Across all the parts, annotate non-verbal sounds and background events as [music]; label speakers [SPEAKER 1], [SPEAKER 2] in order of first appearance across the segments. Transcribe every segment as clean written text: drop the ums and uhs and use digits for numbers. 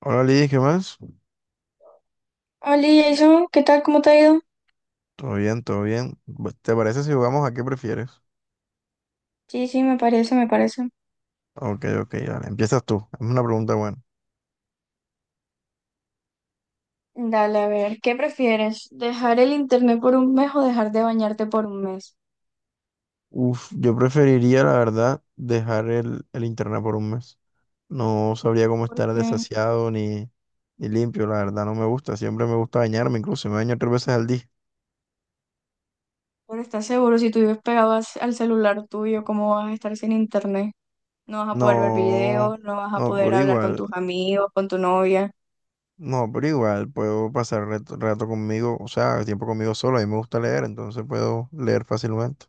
[SPEAKER 1] Hola Liz, ¿qué más?
[SPEAKER 2] Hola Jason, ¿qué tal? ¿Cómo te ha ido?
[SPEAKER 1] Todo bien, todo bien. ¿Te parece si jugamos a qué prefieres?
[SPEAKER 2] Sí, sí, me parece, me parece.
[SPEAKER 1] Ok, ok, vale. Empiezas tú. Es una pregunta buena.
[SPEAKER 2] Dale, a ver, ¿qué prefieres? ¿Dejar el internet por un mes o dejar de bañarte por un mes?
[SPEAKER 1] Uf, yo preferiría, la verdad, dejar el internet por un mes. No sabría cómo
[SPEAKER 2] ¿Por
[SPEAKER 1] estar
[SPEAKER 2] qué?
[SPEAKER 1] desasiado ni limpio, la verdad, no me gusta. Siempre me gusta bañarme, incluso me baño tres veces al día.
[SPEAKER 2] Pero estás seguro, si tú vives pegado al celular tuyo, ¿cómo vas a estar sin internet? No vas a poder ver
[SPEAKER 1] No,
[SPEAKER 2] videos, no vas a
[SPEAKER 1] no,
[SPEAKER 2] poder
[SPEAKER 1] pero
[SPEAKER 2] hablar con
[SPEAKER 1] igual,
[SPEAKER 2] tus amigos, con tu novia.
[SPEAKER 1] no, pero igual, puedo pasar rato, rato conmigo, o sea, tiempo conmigo solo. A mí me gusta leer, entonces puedo leer fácilmente.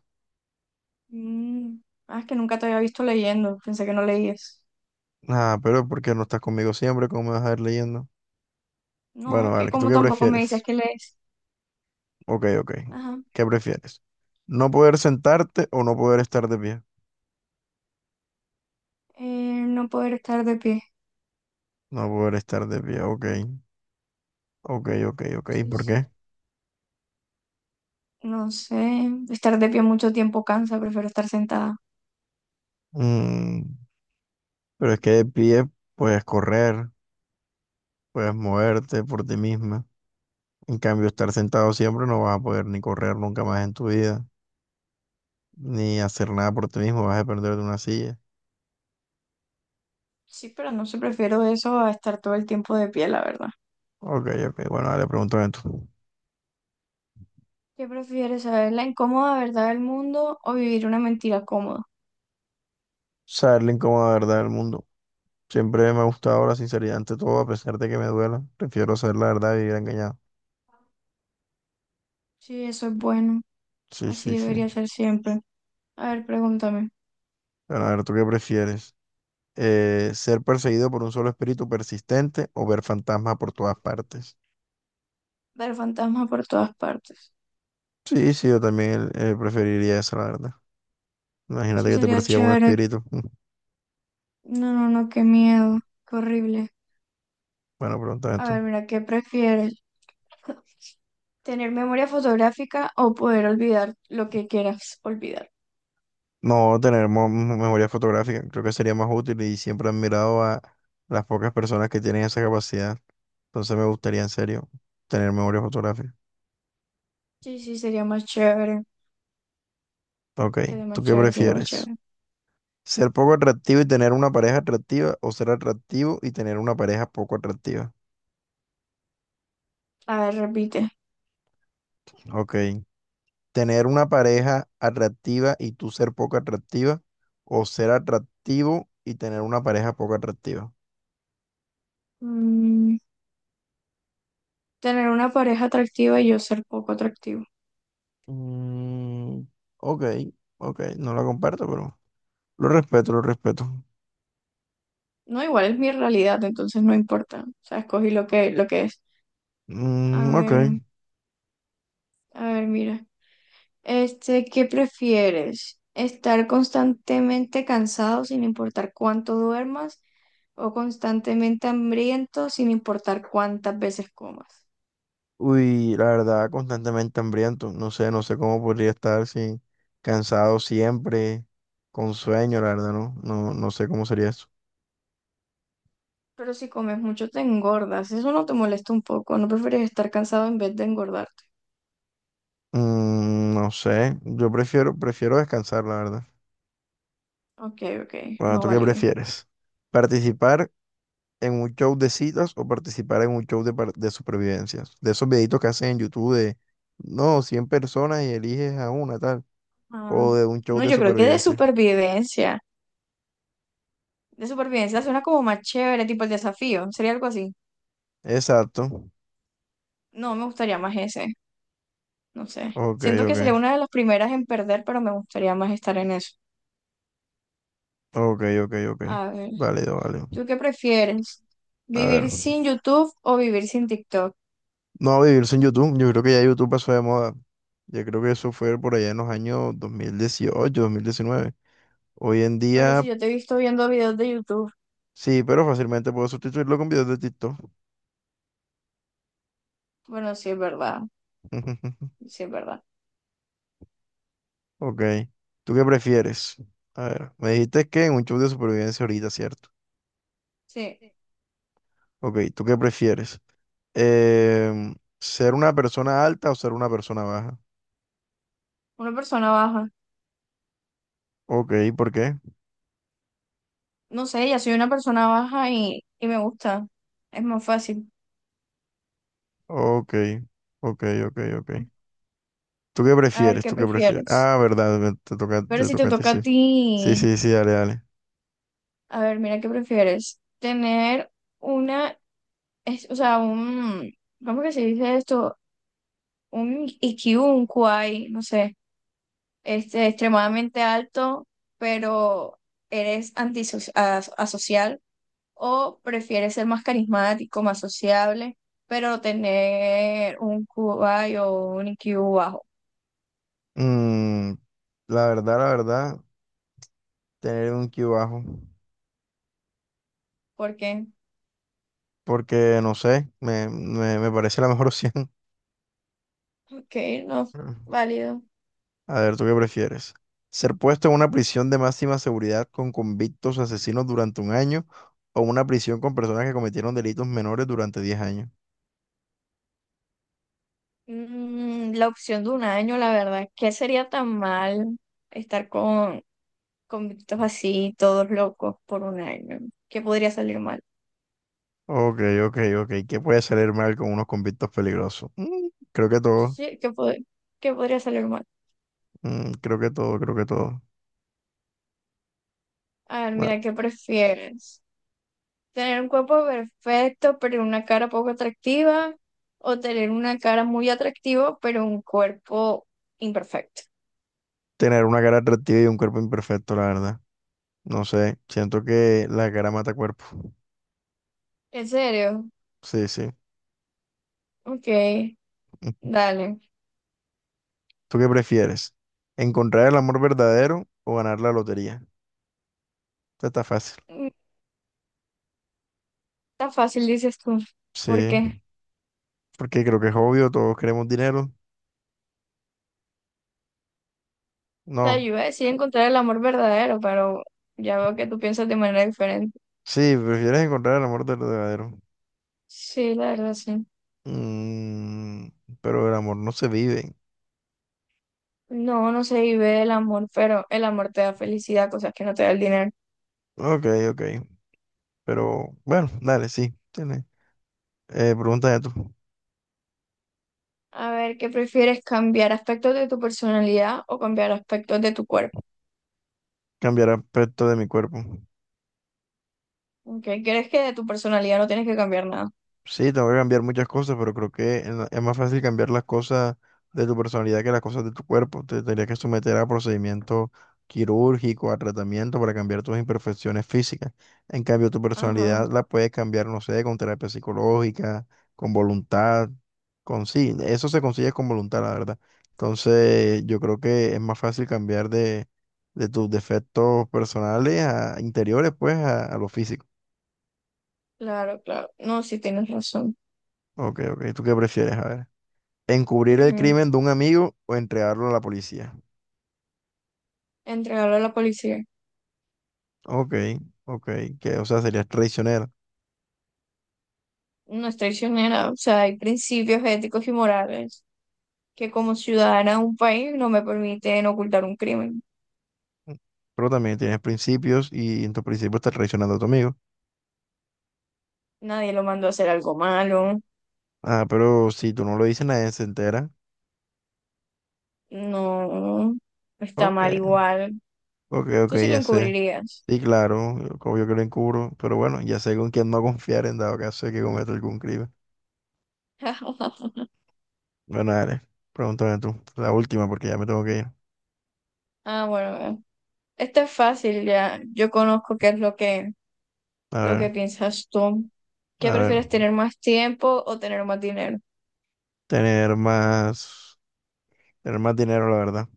[SPEAKER 2] Mm, ah, es que nunca te había visto leyendo, pensé que no leías.
[SPEAKER 1] Ah, pero ¿por qué no estás conmigo siempre? ¿Cómo me vas a ir leyendo?
[SPEAKER 2] No,
[SPEAKER 1] Bueno,
[SPEAKER 2] es
[SPEAKER 1] vale,
[SPEAKER 2] que
[SPEAKER 1] ¿tú
[SPEAKER 2] como
[SPEAKER 1] qué
[SPEAKER 2] tampoco me dices
[SPEAKER 1] prefieres?
[SPEAKER 2] que lees.
[SPEAKER 1] Ok, ok.
[SPEAKER 2] Ajá,
[SPEAKER 1] ¿Qué prefieres? ¿No poder sentarte o no poder estar de pie?
[SPEAKER 2] eh, no poder estar de pie.
[SPEAKER 1] No poder estar de pie, ok. Ok, ok, ok.
[SPEAKER 2] Sí,
[SPEAKER 1] ¿Por
[SPEAKER 2] sí.
[SPEAKER 1] qué?
[SPEAKER 2] No sé, estar de pie mucho tiempo cansa, prefiero estar sentada.
[SPEAKER 1] Mm, pero es que de pie puedes correr, puedes moverte por ti misma. En cambio, estar sentado siempre no vas a poder ni correr nunca más en tu vida, ni hacer nada por ti mismo, vas a depender de una silla.
[SPEAKER 2] Sí, pero no sé, prefiero eso a estar todo el tiempo de pie, la verdad.
[SPEAKER 1] Ok, ok. Bueno, dale, pregúntame tú.
[SPEAKER 2] ¿Qué prefieres, saber la incómoda verdad del mundo o vivir una mentira cómoda?
[SPEAKER 1] Saber la incómoda verdad del mundo. Siempre me ha gustado la sinceridad ante todo, a pesar de que me duela. Prefiero saber la verdad y vivir engañado.
[SPEAKER 2] Sí, eso es bueno,
[SPEAKER 1] Sí,
[SPEAKER 2] así
[SPEAKER 1] sí, sí.
[SPEAKER 2] debería ser siempre. A ver, pregúntame.
[SPEAKER 1] Bueno, a ver, ¿tú qué prefieres? ¿Ser perseguido por un solo espíritu persistente o ver fantasmas por todas partes?
[SPEAKER 2] Ver fantasmas por todas partes.
[SPEAKER 1] Sí, sí, yo también preferiría eso, la verdad. Imagínate
[SPEAKER 2] Sí,
[SPEAKER 1] que te
[SPEAKER 2] sería
[SPEAKER 1] persiga un
[SPEAKER 2] chévere.
[SPEAKER 1] espíritu. Mm.
[SPEAKER 2] No, no, no, qué miedo, qué horrible.
[SPEAKER 1] Bueno, pregunta
[SPEAKER 2] A
[SPEAKER 1] esto.
[SPEAKER 2] ver, mira, ¿qué prefieres? [laughs] ¿Tener memoria fotográfica o poder olvidar lo que quieras olvidar?
[SPEAKER 1] No, tener memoria fotográfica creo que sería más útil y siempre he admirado a las pocas personas que tienen esa capacidad. Entonces me gustaría en serio tener memoria fotográfica.
[SPEAKER 2] Sí, sí, sería más chévere.
[SPEAKER 1] Ok,
[SPEAKER 2] Sería más
[SPEAKER 1] ¿tú qué
[SPEAKER 2] chévere, sería más
[SPEAKER 1] prefieres?
[SPEAKER 2] chévere.
[SPEAKER 1] Ser poco atractivo y tener una pareja atractiva o ser atractivo y tener una pareja poco atractiva.
[SPEAKER 2] A ver, repite.
[SPEAKER 1] Ok. Tener una pareja atractiva y tú ser poco atractiva o ser atractivo y tener una pareja poco atractiva.
[SPEAKER 2] Mm, Tener una pareja atractiva y yo ser poco atractivo.
[SPEAKER 1] Mm, ok, ok. No la comparto, pero lo respeto, lo respeto.
[SPEAKER 2] No, igual es mi realidad, entonces no importa. O sea, escogí lo que es. A
[SPEAKER 1] Mm, ok.
[SPEAKER 2] ver, a ver, mira. Este, ¿qué prefieres? ¿Estar constantemente cansado sin importar cuánto duermas o constantemente hambriento sin importar cuántas veces comas?
[SPEAKER 1] Uy, la verdad, constantemente hambriento. No sé, no sé cómo podría estar si cansado siempre, con sueño, la verdad, no, no, no sé cómo sería eso.
[SPEAKER 2] Pero si comes mucho te engordas. Eso no te molesta un poco. ¿No prefieres estar cansado en vez de engordar?
[SPEAKER 1] No sé, yo prefiero descansar, la verdad.
[SPEAKER 2] Ok, ok,
[SPEAKER 1] Bueno,
[SPEAKER 2] no
[SPEAKER 1] ¿tú qué
[SPEAKER 2] válido.
[SPEAKER 1] prefieres? ¿Participar en un show de citas o participar en un show de, de supervivencias? De esos videitos que hacen en YouTube de, no, 100 personas y eliges a una, tal.
[SPEAKER 2] Ah,
[SPEAKER 1] O de un show
[SPEAKER 2] no,
[SPEAKER 1] de
[SPEAKER 2] yo creo que de
[SPEAKER 1] supervivencia.
[SPEAKER 2] supervivencia. De supervivencia suena como más chévere, tipo el desafío. Sería algo así.
[SPEAKER 1] Exacto.
[SPEAKER 2] No, me gustaría más ese. No sé.
[SPEAKER 1] Ok,
[SPEAKER 2] Siento que sería
[SPEAKER 1] ok.
[SPEAKER 2] una de las primeras en perder, pero me gustaría más estar en eso.
[SPEAKER 1] Ok, ok, ok.
[SPEAKER 2] A ver,
[SPEAKER 1] Válido, válido.
[SPEAKER 2] ¿tú qué prefieres?
[SPEAKER 1] A ver.
[SPEAKER 2] ¿Vivir sin YouTube o vivir sin TikTok?
[SPEAKER 1] No, vivir sin YouTube. Yo creo que ya YouTube pasó de moda. Yo creo que eso fue por allá en los años 2018 2019. Hoy en
[SPEAKER 2] Pero si
[SPEAKER 1] día.
[SPEAKER 2] yo te he visto viendo videos de YouTube,
[SPEAKER 1] Sí, pero fácilmente puedo sustituirlo con videos de TikTok.
[SPEAKER 2] bueno, sí es verdad.
[SPEAKER 1] [laughs]
[SPEAKER 2] Sí es verdad.
[SPEAKER 1] Ok. ¿Tú qué prefieres? A ver, me dijiste que en un show de supervivencia ahorita, ¿cierto?
[SPEAKER 2] Sí,
[SPEAKER 1] Ok, ¿tú qué prefieres? ¿Ser una persona alta o ser una persona baja?
[SPEAKER 2] una persona baja.
[SPEAKER 1] Ok, ¿por qué?
[SPEAKER 2] No sé, ya soy una persona baja y me gusta. Es más fácil.
[SPEAKER 1] Ok, ok, ok, ok.
[SPEAKER 2] A ver, ¿qué
[SPEAKER 1] ¿Tú qué prefieres?
[SPEAKER 2] prefieres?
[SPEAKER 1] Ah, verdad, te toca,
[SPEAKER 2] Pero
[SPEAKER 1] te
[SPEAKER 2] si te
[SPEAKER 1] toca a ti,
[SPEAKER 2] toca
[SPEAKER 1] sí.
[SPEAKER 2] a
[SPEAKER 1] Sí,
[SPEAKER 2] ti,
[SPEAKER 1] sí, sí, dale, dale.
[SPEAKER 2] a ver, mira, ¿qué prefieres? Tener una, o sea, un, ¿cómo que se dice esto? Un IQ, un QI, no sé, este, extremadamente alto, pero eres antisocial, o prefieres ser más carismático, más sociable, pero tener un QI o un IQ bajo.
[SPEAKER 1] Mm, la verdad, la verdad, tener un Q bajo.
[SPEAKER 2] ¿Por qué?
[SPEAKER 1] Porque no sé, me parece la mejor [laughs] opción.
[SPEAKER 2] Ok, no,
[SPEAKER 1] Mm.
[SPEAKER 2] válido.
[SPEAKER 1] A ver, ¿tú qué prefieres? ¿Ser puesto en una prisión de máxima seguridad con convictos asesinos durante un año o una prisión con personas que cometieron delitos menores durante 10 años?
[SPEAKER 2] La opción de un año, la verdad, ¿qué sería tan mal estar con convictos así, todos locos por un año? ¿Qué podría salir mal?
[SPEAKER 1] Ok, ok, ok. ¿Qué puede salir mal con unos convictos peligrosos? Creo que todo.
[SPEAKER 2] Sí, ¿qué, qué podría salir mal?
[SPEAKER 1] Creo que todo, creo que todo.
[SPEAKER 2] A ver,
[SPEAKER 1] Bueno,
[SPEAKER 2] mira, ¿qué prefieres? ¿Tener un cuerpo perfecto pero una cara poco atractiva? ¿O tener una cara muy atractiva pero un cuerpo imperfecto?
[SPEAKER 1] tener una cara atractiva y un cuerpo imperfecto, la verdad. No sé, siento que la cara mata cuerpo.
[SPEAKER 2] ¿En serio?
[SPEAKER 1] Sí, sí.
[SPEAKER 2] Ok,
[SPEAKER 1] [laughs]
[SPEAKER 2] dale.
[SPEAKER 1] ¿Tú qué prefieres? ¿Encontrar el amor verdadero o ganar la lotería? Esto está fácil.
[SPEAKER 2] Mm, Está fácil, dices tú.
[SPEAKER 1] Sí,
[SPEAKER 2] ¿Por qué?
[SPEAKER 1] porque creo que es obvio, todos queremos dinero.
[SPEAKER 2] Sea, yo
[SPEAKER 1] No.
[SPEAKER 2] iba a decir encontrar el amor verdadero, pero ya veo que tú piensas de manera diferente.
[SPEAKER 1] Sí, prefieres encontrar el amor verdadero.
[SPEAKER 2] Sí, la verdad, sí.
[SPEAKER 1] Mm, pero el amor no se vive.
[SPEAKER 2] No, no se vive el amor, pero el amor te da felicidad, cosas que no te da el dinero.
[SPEAKER 1] Ok, ok. Pero bueno, dale, sí. Tiene. Pregúntame tú.
[SPEAKER 2] A ver, ¿qué prefieres, cambiar aspectos de tu personalidad o cambiar aspectos de tu cuerpo?
[SPEAKER 1] Cambiará aspecto de mi cuerpo.
[SPEAKER 2] Ok, ¿crees que de tu personalidad no tienes que cambiar nada?
[SPEAKER 1] Sí, tengo que cambiar muchas cosas, pero creo que es más fácil cambiar las cosas de tu personalidad que las cosas de tu cuerpo. Te tendrías que someter a procedimiento quirúrgico, a tratamiento para cambiar tus imperfecciones físicas. En cambio, tu
[SPEAKER 2] Ajá,
[SPEAKER 1] personalidad la puedes cambiar, no sé, con terapia psicológica, con voluntad, con sí, eso se consigue con voluntad, la verdad. Entonces, yo creo que es más fácil cambiar de tus defectos personales a interiores, pues, a lo físico.
[SPEAKER 2] claro, claro. No, sí tienes razón.
[SPEAKER 1] Ok, ok, ¿tú qué prefieres? A ver. Encubrir el
[SPEAKER 2] Ujú.
[SPEAKER 1] crimen de un amigo o entregarlo a la policía.
[SPEAKER 2] Entregarlo a la policía.
[SPEAKER 1] Ok, ok, que o sea, serías traicionero.
[SPEAKER 2] No es traicionera, o sea, hay principios éticos y morales, que como ciudadana de un país no me permiten ocultar un crimen.
[SPEAKER 1] Pero también tienes principios y en tus principios estás traicionando a tu amigo.
[SPEAKER 2] Nadie lo mandó a hacer algo malo,
[SPEAKER 1] Ah, pero si tú no lo dices, nadie se entera.
[SPEAKER 2] no está
[SPEAKER 1] Ok,
[SPEAKER 2] mal igual.
[SPEAKER 1] ok, ok,
[SPEAKER 2] Tú sí lo
[SPEAKER 1] ya sé.
[SPEAKER 2] encubrirías.
[SPEAKER 1] Sí, claro, obvio que lo encubro, pero bueno, ya sé con quién no confiar en dado caso de que cometa algún crimen.
[SPEAKER 2] [laughs]
[SPEAKER 1] Bueno, dale, pregúntame tú, la última porque ya me tengo que ir.
[SPEAKER 2] Ah, bueno, esta es fácil ya. Yo conozco qué es
[SPEAKER 1] A
[SPEAKER 2] lo que
[SPEAKER 1] ver,
[SPEAKER 2] piensas tú. ¿Qué
[SPEAKER 1] a
[SPEAKER 2] prefieres,
[SPEAKER 1] ver,
[SPEAKER 2] tener más tiempo o tener más dinero?
[SPEAKER 1] tener más, tener más dinero, la verdad.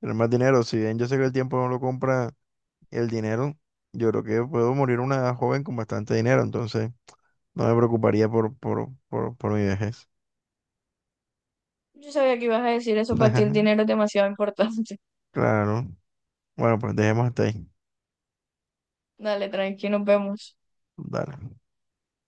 [SPEAKER 1] Tener más dinero, si bien yo sé que el tiempo no lo compra el dinero, yo creo que puedo morir una joven con bastante dinero, entonces no me preocuparía por mi vejez.
[SPEAKER 2] Yo sabía que ibas a decir eso, para ti el dinero
[SPEAKER 1] [laughs]
[SPEAKER 2] es demasiado importante.
[SPEAKER 1] Claro. Bueno, pues dejemos hasta ahí.
[SPEAKER 2] [laughs] Dale, tranqui, nos vemos.
[SPEAKER 1] Dale.